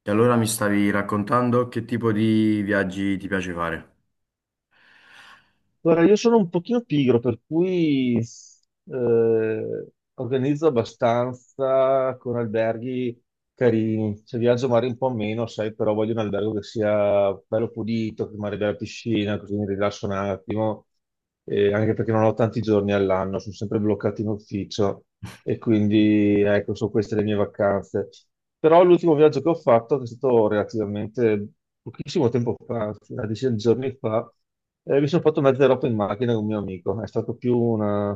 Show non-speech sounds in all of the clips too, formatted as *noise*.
E allora mi stavi raccontando che tipo di viaggi ti piace fare? Guarda, io sono un pochino pigro, per cui eh, organizzo abbastanza con alberghi carini. Se viaggio magari un po' meno, sai, però voglio un albergo che sia bello pulito, che magari abbia la piscina, così mi rilasso un attimo, anche perché non ho tanti giorni all'anno, sono sempre bloccato in ufficio e quindi ecco, sono queste le mie vacanze. Però l'ultimo viaggio che ho fatto, che è stato relativamente pochissimo tempo fa, una decina di giorni fa, mi sono fatto mezza Europa in macchina con un mio amico. È stato più una,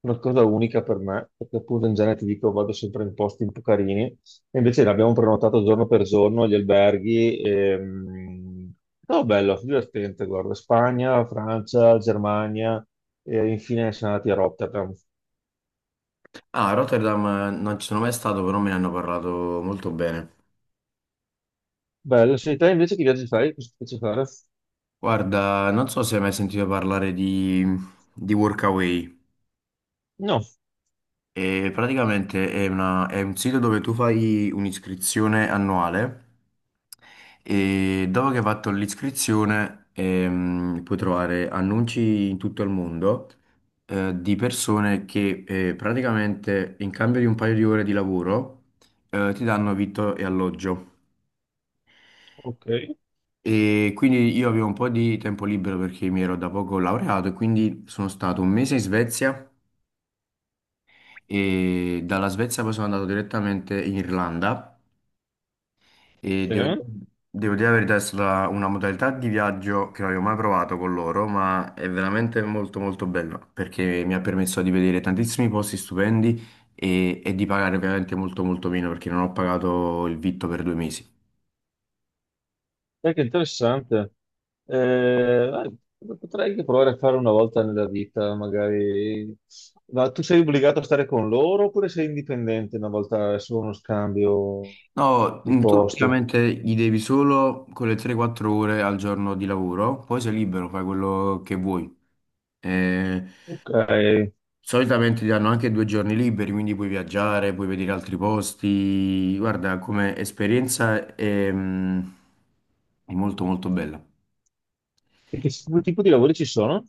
una cosa unica per me, perché appunto in genere ti dico vado sempre in posti un po' carini. Invece l'abbiamo prenotato giorno per giorno gli alberghi. E, è stato bello, divertente, guarda. Spagna, Francia, Germania e infine siamo andati a Rotterdam. Ah, a Rotterdam non ci sono mai stato, però me ne hanno parlato molto bene. Bello, sei te invece che viaggi fai? Cosa ti piace fare? Guarda, non so se hai mai sentito parlare di Workaway. No, E praticamente è è un sito dove tu fai un'iscrizione annuale e dopo che hai fatto l'iscrizione puoi trovare annunci in tutto il mondo di persone che praticamente in cambio di un paio di ore di lavoro ti danno vitto e alloggio. ok, E quindi io avevo un po' di tempo libero perché mi ero da poco laureato e quindi sono stato un mese in Svezia e dalla Svezia poi sono andato direttamente in Irlanda. E sì. devo, Dai, devo dire la verità, è stata una modalità di viaggio che non avevo mai provato con loro, ma è veramente molto molto bella perché mi ha permesso di vedere tantissimi posti stupendi e di pagare ovviamente molto molto meno perché non ho pagato il vitto per 2 mesi. che interessante. Eh, eh, potrei anche provare a fare una volta nella vita, magari. Ma tu sei obbligato a stare con loro oppure sei indipendente una volta solo uno scambio No, di tu posti? praticamente gli devi solo quelle 3-4 ore al giorno di lavoro, poi sei libero, fai quello che vuoi. Eh, Ok, e Solitamente ti danno anche 2 giorni liberi, quindi puoi viaggiare, puoi vedere altri posti. Guarda, come esperienza è molto molto bella. che tipo di lavori ci sono?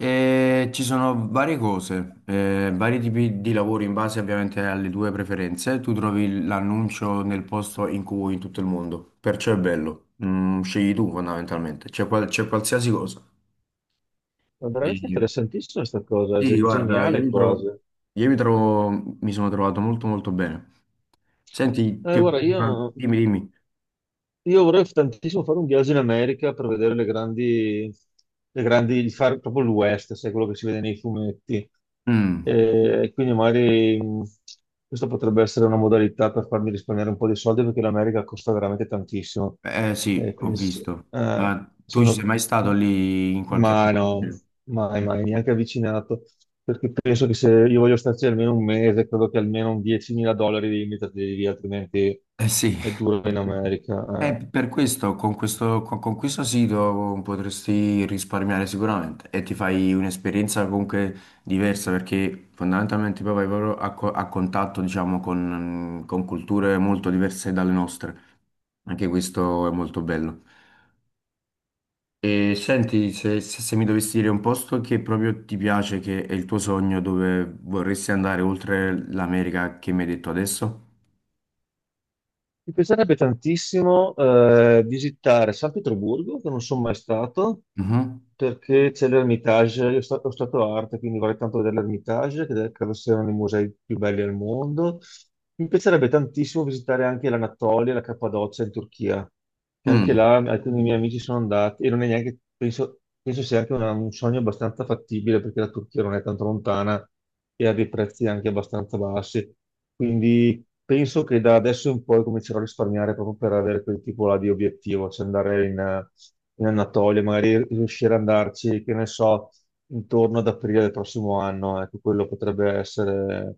E ci sono varie cose, vari tipi di lavori in base ovviamente alle tue preferenze. Tu trovi l'annuncio nel posto in cui vuoi in tutto il mondo, perciò è bello. Mm, scegli tu fondamentalmente, c'è c'è qualsiasi cosa. È veramente E- interessantissima questa cosa, Sì, guarda, geniale quasi. Mi sono trovato molto molto bene. Senti, Guarda, io, dimmi, dimmi. io vorrei tantissimo fare un viaggio in America per vedere le grandi, fare proprio l'West, sai, quello che si vede nei fumetti. Mm, E quindi magari questa potrebbe essere una modalità per farmi risparmiare un po' di soldi perché l'America costa veramente tantissimo. eh E sì, ho quindi se visto. eh, Ma se tu ci sei uno. mai stato lì in qualche... Ma no, mai, mai, neanche avvicinato. Perché penso che se io voglio starci almeno un mese, credo che almeno un 10.000 dollari devi metterli lì, altrimenti Eh sì. è duro in America. Eh. Per questo, con questo, con questo sito potresti risparmiare sicuramente e ti fai un'esperienza comunque diversa perché fondamentalmente poi vai proprio a contatto, diciamo, con culture molto diverse dalle nostre. Anche questo è molto bello. E senti, se mi dovessi dire un posto che proprio ti piace, che è il tuo sogno, dove vorresti andare oltre l'America che mi hai detto adesso? Mi piacerebbe tantissimo visitare San Pietroburgo, che non sono mai stato, Mhm. perché c'è l'Ermitage, io ho stato arte, quindi vorrei tanto vedere l'Ermitage, che credo sia uno dei musei più belli al mondo. Mi piacerebbe tantissimo visitare anche l'Anatolia, la Cappadocia in Turchia. E anche Mm, là alcuni dei miei amici sono andati e non è neanche, penso, penso sia anche un sogno abbastanza fattibile perché la Turchia non è tanto lontana e ha dei prezzi anche abbastanza bassi. Quindi penso che da adesso in poi comincerò a risparmiare proprio per avere quel tipo là di obiettivo, cioè andare in Anatolia, magari riuscire ad andarci, che ne so, intorno ad aprile del prossimo anno. Ecco, quello potrebbe essere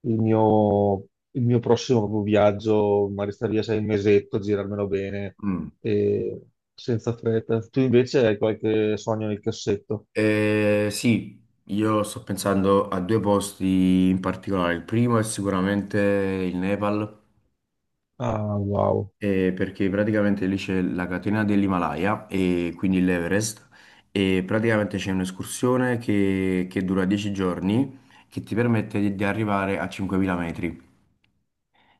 il mio, il mio prossimo viaggio, magari stare via sei mesetto, girarmelo bene mm. e senza fretta. Tu invece hai qualche sogno nel cassetto. Sì, io sto pensando a due posti in particolare. Il primo è sicuramente il Nepal. Ah, wow. Perché praticamente lì c'è la catena dell'Himalaya e quindi l'Everest e praticamente c'è un'escursione che dura 10 giorni che ti permette di arrivare a 5.000 metri.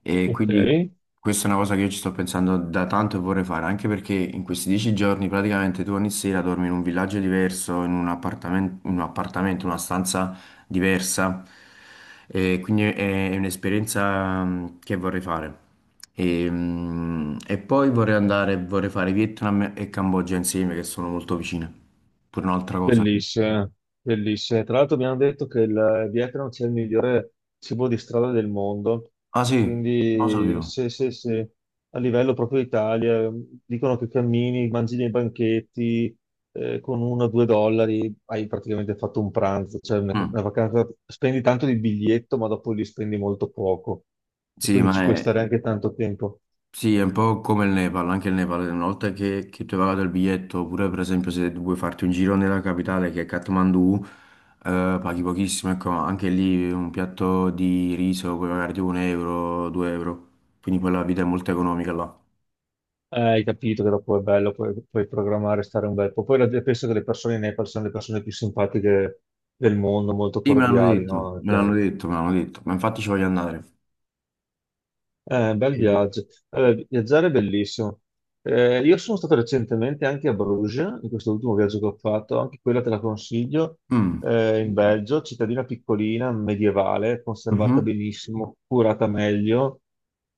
E Ok. quindi questa è una cosa che io ci sto pensando da tanto e vorrei fare, anche perché in questi 10 giorni praticamente tu ogni sera dormi in un villaggio diverso, in un appartamento, una stanza diversa. E quindi è un'esperienza che vorrei fare. E poi vorrei fare Vietnam e Cambogia insieme, che sono molto vicine. Pure un'altra cosa. Bellissime, bellissime. Tra l'altro abbiamo detto che il Vietnam c'è il migliore cibo di strada del mondo, Ah e sì, non lo quindi sapevo. se a livello proprio Italia dicono che cammini, mangi nei banchetti con 1 o 2 dollari, hai praticamente fatto un pranzo, cioè Mm. una vacanza, spendi tanto di biglietto ma dopo li spendi molto poco, e Sì, quindi ma ci puoi è, stare anche tanto tempo. Sì, è un po' come il Nepal, anche il Nepal, una volta che tu hai pagato il biglietto, oppure per esempio se vuoi farti un giro nella capitale che è Kathmandu, paghi pochissimo, ecco, anche lì un piatto di riso puoi pagare tipo un euro, 2 euro, quindi poi la vita è molto economica là. Hai capito che dopo è bello, puoi programmare, stare un bel po'. Poi penso che le persone in Nepal siano le persone più simpatiche del mondo, molto Sì, me l'hanno cordiali, detto, no? me l'hanno detto, me l'hanno detto, ma infatti ci voglio andare. Bel E- viaggio. Allora, viaggiare è bellissimo. Io sono stato recentemente anche a Bruges, in questo ultimo viaggio che ho fatto, anche quella te la consiglio, Mm. In Belgio, cittadina piccolina, medievale, conservata Mhm. benissimo, curata meglio.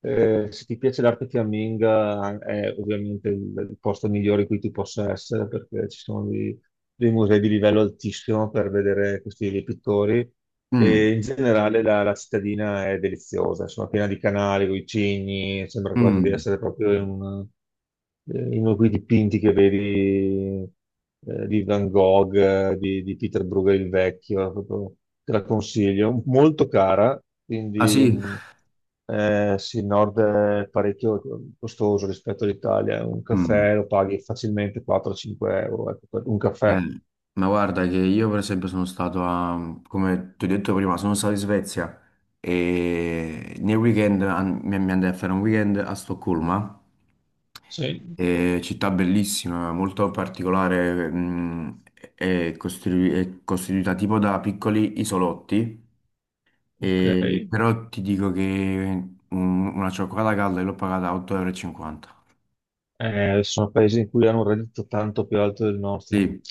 Se ti piace l'arte fiamminga è ovviamente il posto migliore in cui tu possa essere, perché ci sono dei musei di livello altissimo per vedere questi pittori. Mm. E in generale la cittadina è deliziosa, insomma, piena di canali, con i cigni, sembra quasi di Mm. essere proprio in uno di quei dipinti che vedi di Van Gogh, di Peter Bruegel il vecchio, proprio te la consiglio. Molto cara, Ah quindi sì? Sì, il nord è parecchio costoso rispetto all'Italia. Un Mm. caffè lo paghi facilmente 4-5 euro, ecco, per un caffè. Eh, ma guarda che io per esempio come ti ho detto prima, sono stato in Svezia e nel weekend mi andai a fare un weekend a Stoccolma. Sì, Città bellissima, molto particolare, è costituita tipo da piccoli isolotti, ok. Però ti dico che una cioccolata calda l'ho pagata a 8,50 euro. Sono paesi in cui hanno un reddito tanto più alto del nostro. Sì,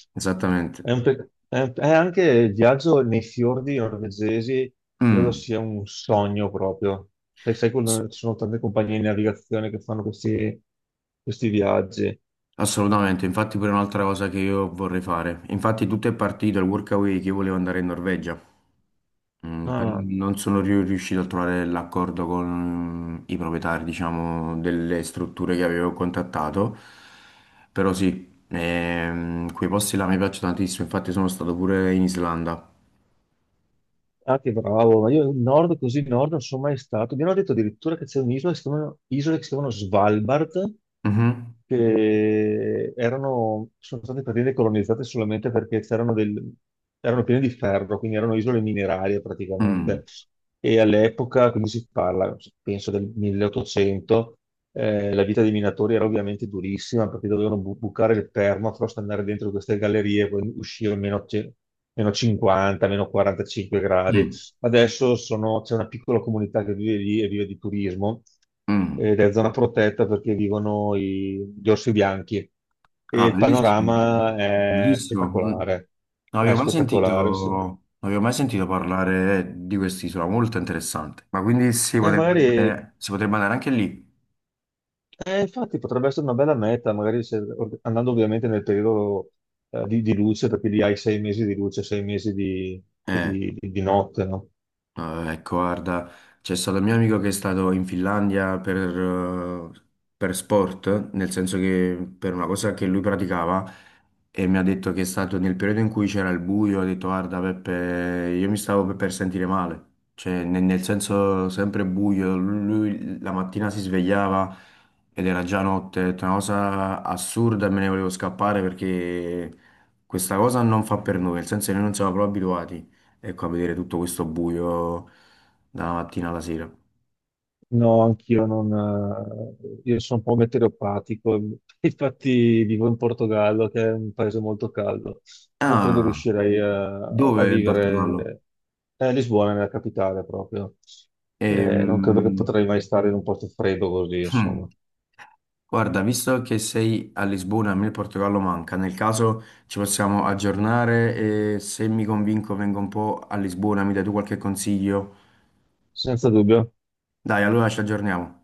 È esattamente. un pe- è un- È anche il viaggio nei fiordi norvegesi, credo Mm. sia un sogno proprio. Sai, sai quando ci sono tante compagnie di navigazione che fanno questi viaggi. Assolutamente, infatti pure un'altra cosa che io vorrei fare. Infatti tutto è partito, il workaway che io volevo andare in Norvegia, No, però no, no. non sono riuscito a trovare l'accordo con i proprietari, diciamo, delle strutture che avevo contattato, però sì, quei posti là mi piacciono tantissimo, infatti sono stato pure in Islanda. Ah, che bravo, ma io in nord così in nord non sono mai stato. Mi hanno detto addirittura che c'è un'isola che si chiamano, isole che si chiamano Svalbard, Mhm. che erano, sono state praticamente colonizzate solamente perché c'erano erano piene di ferro, quindi erano isole minerarie Mm. praticamente. E all'epoca, quindi si parla, penso del 1800, la vita dei minatori era ovviamente durissima perché dovevano bucare il permafrost, andare dentro queste gallerie e poi uscire a meno, meno 50, meno 45 gradi. Mm. C'è una piccola comunità che vive lì e vive di turismo Mm. ed è zona protetta perché vivono gli orsi bianchi e Ah, il bellissimo, panorama è bellissimo. Mm. Non spettacolare. È avevo mai sentito, spettacolare, sì. non avevo mai sentito parlare di quest'isola, molto interessante. Ma quindi si potrebbe magari. andare, si potrebbe andare anche lì. Infatti potrebbe essere una bella meta, magari andando ovviamente nel periodo di luce, perché lì hai 6 mesi di luce, 6 mesi di, Eh. di- di- di notte, no? Ah, ecco, guarda, c'è stato un mio amico che è stato in Finlandia eh, per sport, nel senso che per una cosa che lui praticava e mi ha detto che è stato nel periodo in cui c'era il buio, ha detto guarda Peppe, io mi stavo per sentire male, cioè nel senso sempre buio, lui la mattina si svegliava ed era già notte, ha detto, una cosa assurda e me ne volevo scappare perché questa cosa non fa per noi, nel senso che noi non siamo proprio abituati. Ecco, a vedere tutto questo buio dalla mattina alla sera. No, anch'io non. Io sono un po' meteoropatico, *laughs* infatti vivo in Portogallo, che è un paese molto caldo. Non credo Ah, riuscirei a dove in Portogallo? vivere a Lisbona, nella capitale proprio. Non credo che Ehm, potrei mai stare in un posto freddo così, hmm, insomma, guarda, visto che sei a Lisbona, a me il Portogallo manca. Nel caso ci possiamo aggiornare e se mi convinco vengo un po' a Lisbona, mi dai tu qualche consiglio? senza dubbio. Dai, allora ci aggiorniamo.